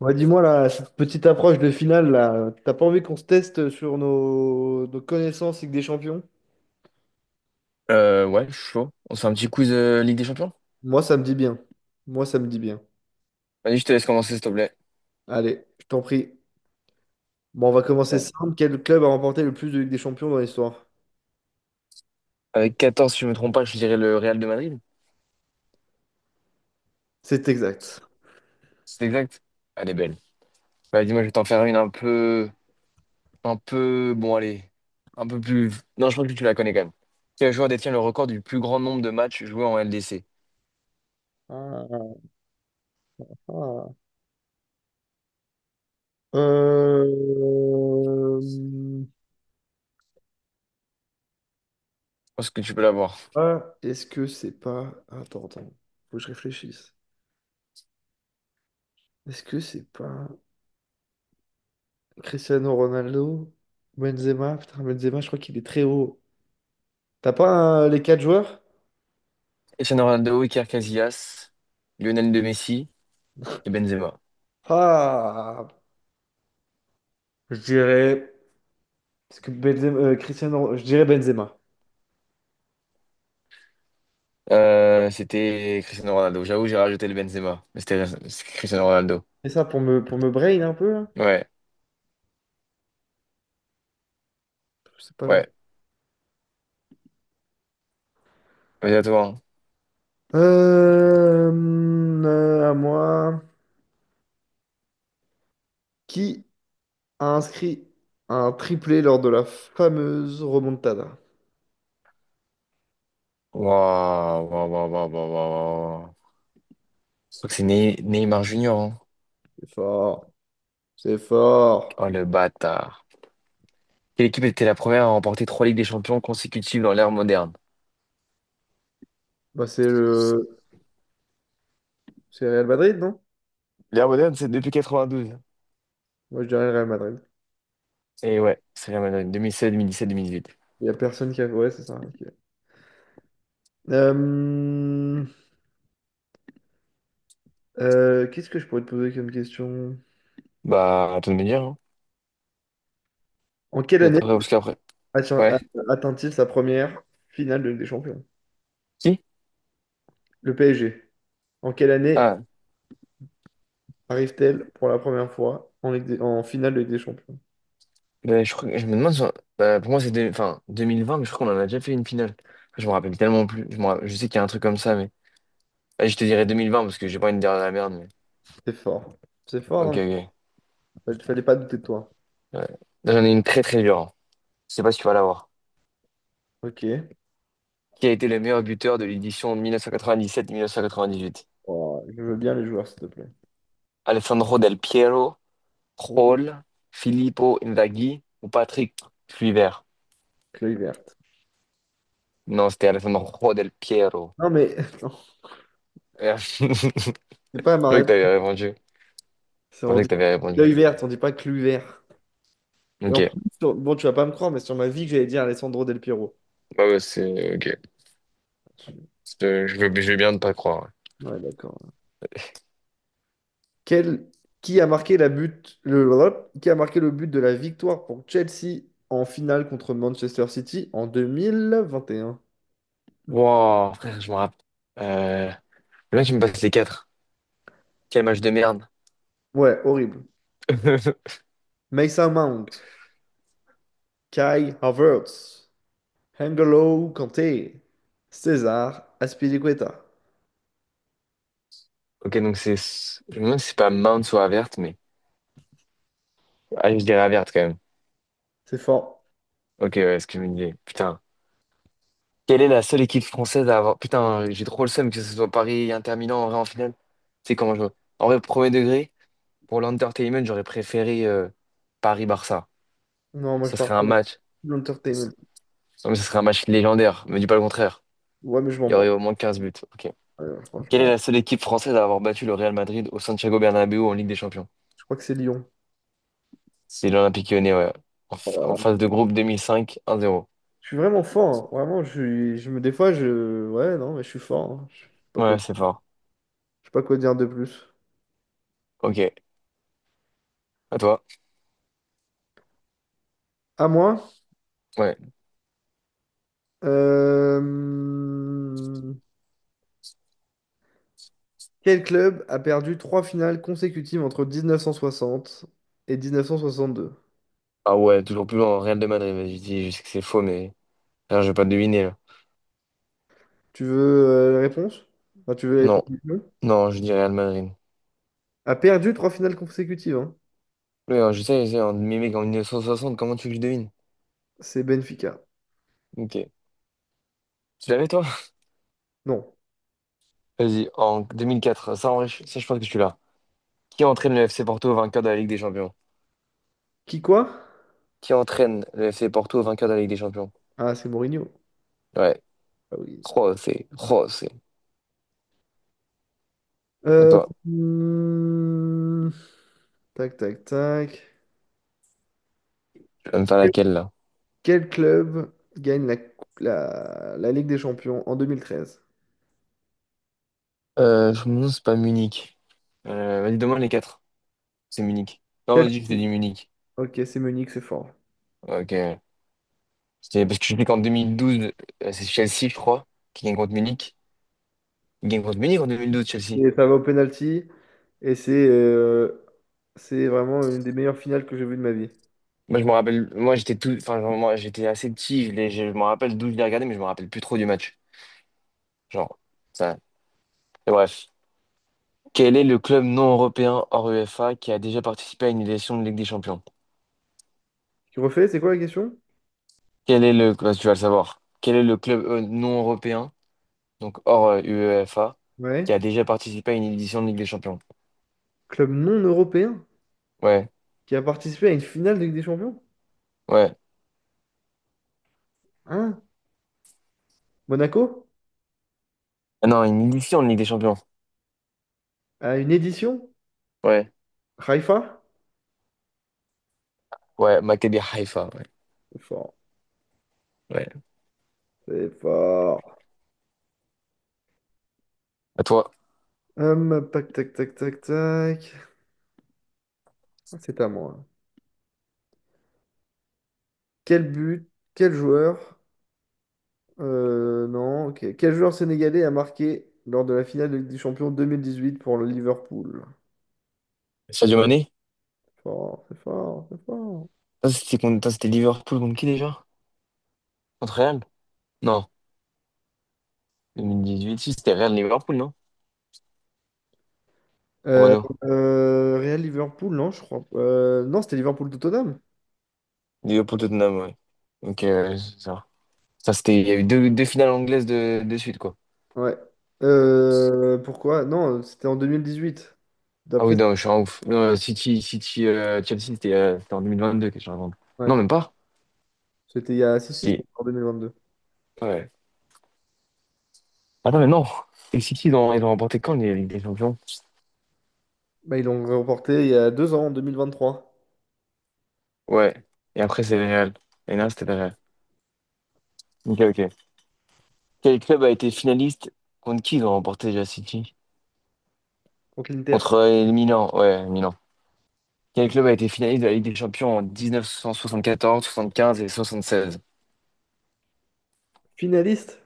Ouais, dis-moi là, cette petite approche de finale là, t'as pas envie qu'on se teste sur nos connaissances Ligue des Champions? Ouais, je suis chaud. On se fait un petit quiz Ligue des Champions? Moi, ça me dit bien. Moi, ça me dit bien. Vas-y, je te laisse commencer, s'il te plaît. Allez, je t'en prie. Bon, on va commencer Ouais. simple. Quel club a remporté le plus de Ligue des Champions dans l'histoire? Avec 14, si je me trompe pas, je dirais le Real de Madrid. C'est exact. C'est exact? Elle est belle. Bah, dis-moi, je vais t'en faire une un peu... Un peu... Bon, allez. Un peu plus... Non, je pense que tu la connais quand même. Quel joueur détient le record du plus grand nombre de matchs joués en LDC? Ah, ah. Euh, Je pense que tu peux l'avoir. ah, est-ce que c'est pas. Attends, attends. Faut que je réfléchisse. Est-ce que c'est pas Cristiano Ronaldo? Benzema? Putain, Benzema, je crois qu'il est très haut. T'as pas les quatre joueurs? Cristiano Ronaldo, Iker Casillas, Lionel de Messi et Benzema. Ah, je dirais. Parce que Benzema, Cristiano, je dirais Benzema. C'était Cristiano Ronaldo. J'avoue, j'ai rajouté le Benzema. Mais c'est Cristiano Ronaldo. C'est ça pour me brain un peu là? Ouais, Je sais pas, genre. ouais. Vas-y, à toi, hein. À moi. Qui a inscrit un triplé lors de la fameuse remontada? Waouh, waouh, waouh, waouh, waouh, waouh, waouh. Je crois que c'est Neymar Junior, hein. C'est fort. C'est fort. Oh le bâtard. Quelle équipe était la première à remporter trois Ligues des Champions consécutives dans l'ère moderne? Bah, c'est Real Madrid, non? L'ère moderne, c'est depuis 92. Moi, je dirais le Real Madrid. Et ouais, c'est la Madone, 2016, 2017, 2018. Il y a personne qui a. Ouais, c'est ça, ok. Euh, hum, qu'est-ce que je pourrais te poser comme question? Bah, à toi de me dire, hein. En quelle année? J'attendrai parce après. Atten- Ouais. Atteint-il sa première finale de Ligue des Champions? Qui? Le PSG. En quelle année Ah, arrive-t-elle pour la première fois en finale de Ligue des Champions? bah, je crois, je me demande, si on- bah, pour moi c'est enfin, 2020, mais je crois qu'on en a déjà fait une finale. Je me rappelle tellement plus. Je sais qu'il y a un truc comme ça, mais. Ah, je te dirais 2020 parce que j'ai pas une dernière la merde, mais. C'est fort. C'est fort, Ok, non? ok. Il fallait pas douter de toi. Ouais. Là, j'en ai une très très dure, hein. Je sais pas si tu vas l'avoir. Ok. Qui a été le meilleur buteur de l'édition 1997-1998? Oh, je veux bien les joueurs, s'il te plaît. Alessandro Del Piero, Oui. Raul, Filippo Inzaghi ou Patrick Kluivert? Cluy vert. Non, c'était Alessandro Del Piero. Non, mais non, Merde. Je c'est pas ma pensais que réponse. t'avais répondu. Je On pensais dit que t'avais répondu. Cluy vert, on dit pas Cluy vert. Et en Ok. plus, bon, tu vas pas me croire, mais sur ma vie que j'allais dire Alessandro Del Piero. Bah ouais, c'est ok. Je veux bien ne pas croire, ouais. Ouais, d'accord. Quel- qui a marqué le but de la victoire pour Chelsea en finale contre Manchester City en 2021. Wow, frère, je me rappelle. Euh... Le mec, il me passe les quatre. Quel match de merde. Ouais, horrible. Mason Mount, Kai Havertz, N'Golo Kanté, César Azpilicueta. Ok, donc c'est. Je me demande si c'est pas Mount ou Avert, mais. Ah, je dirais Avert quand même. C'est fort. Ok, ouais, ce que je me disais. Putain. Quelle est la seule équipe française à avoir. Putain, j'ai trop le seum que ce soit Paris, Inter Milan, en vrai, en finale. C'est comment je. En vrai, premier degré, pour l'entertainment, j'aurais préféré Paris-Barça. Non, moi je Ce parle serait un pas match. de l'entertainment. Non, mais ce serait un match légendaire. Me dis pas le contraire. Ouais, mais je m'en Il y aurait moque. au moins 15 buts. Ok. Quelle est Franchement, la seule équipe française à avoir battu le Real Madrid au Santiago Bernabéu en Ligue des Champions? je crois que c'est Lyon. C'est l'Olympique Lyonnais, ouais. En, Oh fa- là en là. phase de groupe 2005, 1-0. Je suis vraiment fort, hein. Vraiment, je suis, je me, des fois, je, ouais, non, mais je suis fort, hein. Ouais, c'est fort. Je sais pas quoi dire de plus. Ok. À toi. À moi? Ouais. Euh, Quel club a perdu trois finales consécutives entre 1960 et 1962? Ah ouais, toujours plus loin, Real de Madrid, vas-y, je dis, je sais que c'est faux, mais alors je vais pas deviner là. Tu veux la réponse? Enfin, tu veux les Non, propositions? non, je dis Real Madrid. A perdu trois finales consécutives, hein. Oui, alors, je sais, mais mec, en 1960, comment tu veux que je devine? C'est Benfica. Ok. Tu l'avais toi? Non. Vas-y, en 2004, ça en vrai, ça je pense que tu l'as. Qui entraîne le FC Porto vainqueur de la Ligue des Champions? Qui quoi? Qui entraîne le FC Porto vainqueur de la Ligue des Champions? Ah, c'est Mourinho. Ouais. Ah oui. Oh, c'est. Oh, c'est. À Euh, toi, hmm, tac, tac, tac. tu vas me faire laquelle là? Quel club gagne la Ligue des Champions en 2013? Je me demande si c'est pas Munich. Vas-y, demande les quatre. C'est Munich. Non, Chelsea. vas-y, je te dis Munich. Ok, c'est Munich, c'est fort. Ok. C'était parce que je dis qu'en 2012, c'est Chelsea, je crois, qui gagne contre Munich. Il gagne contre Munich en 2012, Chelsea. Et ça va au penalty. Et c'est vraiment une des meilleures finales que j'ai vues de ma vie. Moi, je me rappelle, moi, j'étais tout, enfin, genre, moi, j'étais assez petit, je me rappelle d'où je l'ai regardé, mais je me rappelle plus trop du match. Genre, ça. Et bref. Quel est le club non européen hors UEFA qui a déjà participé à une édition de Ligue des Champions? Tu refais, c'est quoi la question? Bah, tu vas le savoir. Quel est le club non européen, donc hors UEFA, qui Ouais. a déjà participé à une édition de Ligue des Champions? Club non européen Ouais, qui a participé à une finale de Ligue des Champions? ouais. Hein? Monaco? Ah non, une édition de Ligue des Champions. À une édition? Ouais, Haïfa? ouais, Maccabi Haïfa. C'est fort. Ouais. C'est fort. À toi. Tac, tac, tac, tac, tac. Ah, c'est à moi. Quel but? Quel joueur? Non, ok. Quel joueur sénégalais a marqué lors de la finale de Ligue des Champions 2018 pour le Liverpool? Sadio Mané? Fort, c'est fort, c'est fort. Ça, c'était attends, c'était Liverpool contre qui déjà? Contre Real? Non. 2018, si, c'était Real Liverpool, non? Euh, Romano. Real Liverpool, non, je crois. Non, c'était Liverpool Tottenham. Liverpool Tottenham, ouais. Donc, c'est ça. Ça, c'était, il y a eu deux finales anglaises de suite, quoi. Ouais. Pourquoi? Non, c'était en 2018. Ah oui, D'après. non, je suis un ouf. Non, City, Chelsea, c'était en 2022 que je raconte. Ouais. Non, même pas. C'était il y a. Si, si, c'était Si. en 2022. Ouais. Ah non, mais non. Et City, ils ont remporté quand les Ligue des Champions? Bah, ils l'ont remporté il y a deux ans, en 2023, Ouais. Et après, c'est le Real. Et là, c'était le Real. Ok, ok. Quel club a été finaliste contre qui ils ont remporté déjà City? contre l'Inter. Contre Milan, ouais, Milan. Quel club a été finaliste de la Ligue des Champions en 1974, 75 et 76? Finaliste?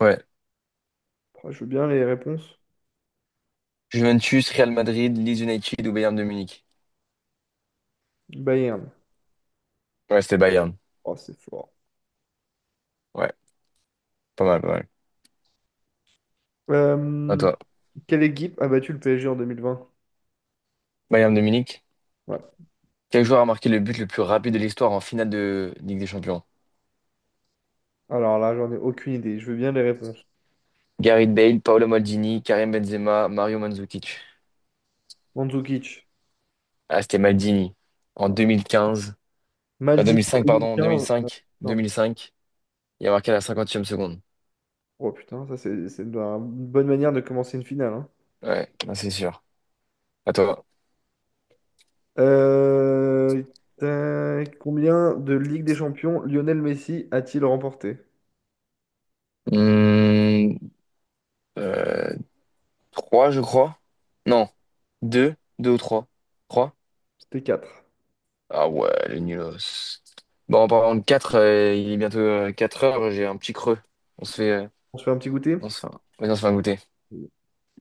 Ouais. Oh, je veux bien les réponses. Juventus, Real Madrid, Leeds United ou Bayern de Munich? Bayern. Ouais, c'était Bayern. Oh, c'est fort. Ouais, pas mal, pas À Euh, toi. quelle équipe a battu le PSG en 2020? Bayern de Munich. Ouais. Quel joueur a marqué le but le plus rapide de l'histoire en finale de Ligue des Champions? Alors là, j'en ai aucune idée. Je veux bien les réponses. Gareth Bale, Paolo Maldini, Karim Benzema, Mario Mandzukic. Mandzukic. Ah, c'était Maldini. En Ouais. 2015. En Maldini en 2005, pardon, 2015. 2005. Non. 2005. Il a marqué à la 50e seconde. Oh putain, ça c'est une bonne manière de commencer une finale, hein. Ouais, ah, c'est sûr. À toi. Euh, tac, combien de Ligue des Champions Lionel Messi a-t-il remporté? Hum, euh, Trois, je crois. Non, deux, deux ou trois. Trois? C'était quatre. Ah ouais, les nulos. Bon, en parlant de quatre, il est bientôt 4 heures, j'ai un petit creux. On se fait, euh, On se fait un petit goûter? on se fait, vas-y, on se fait un goûter.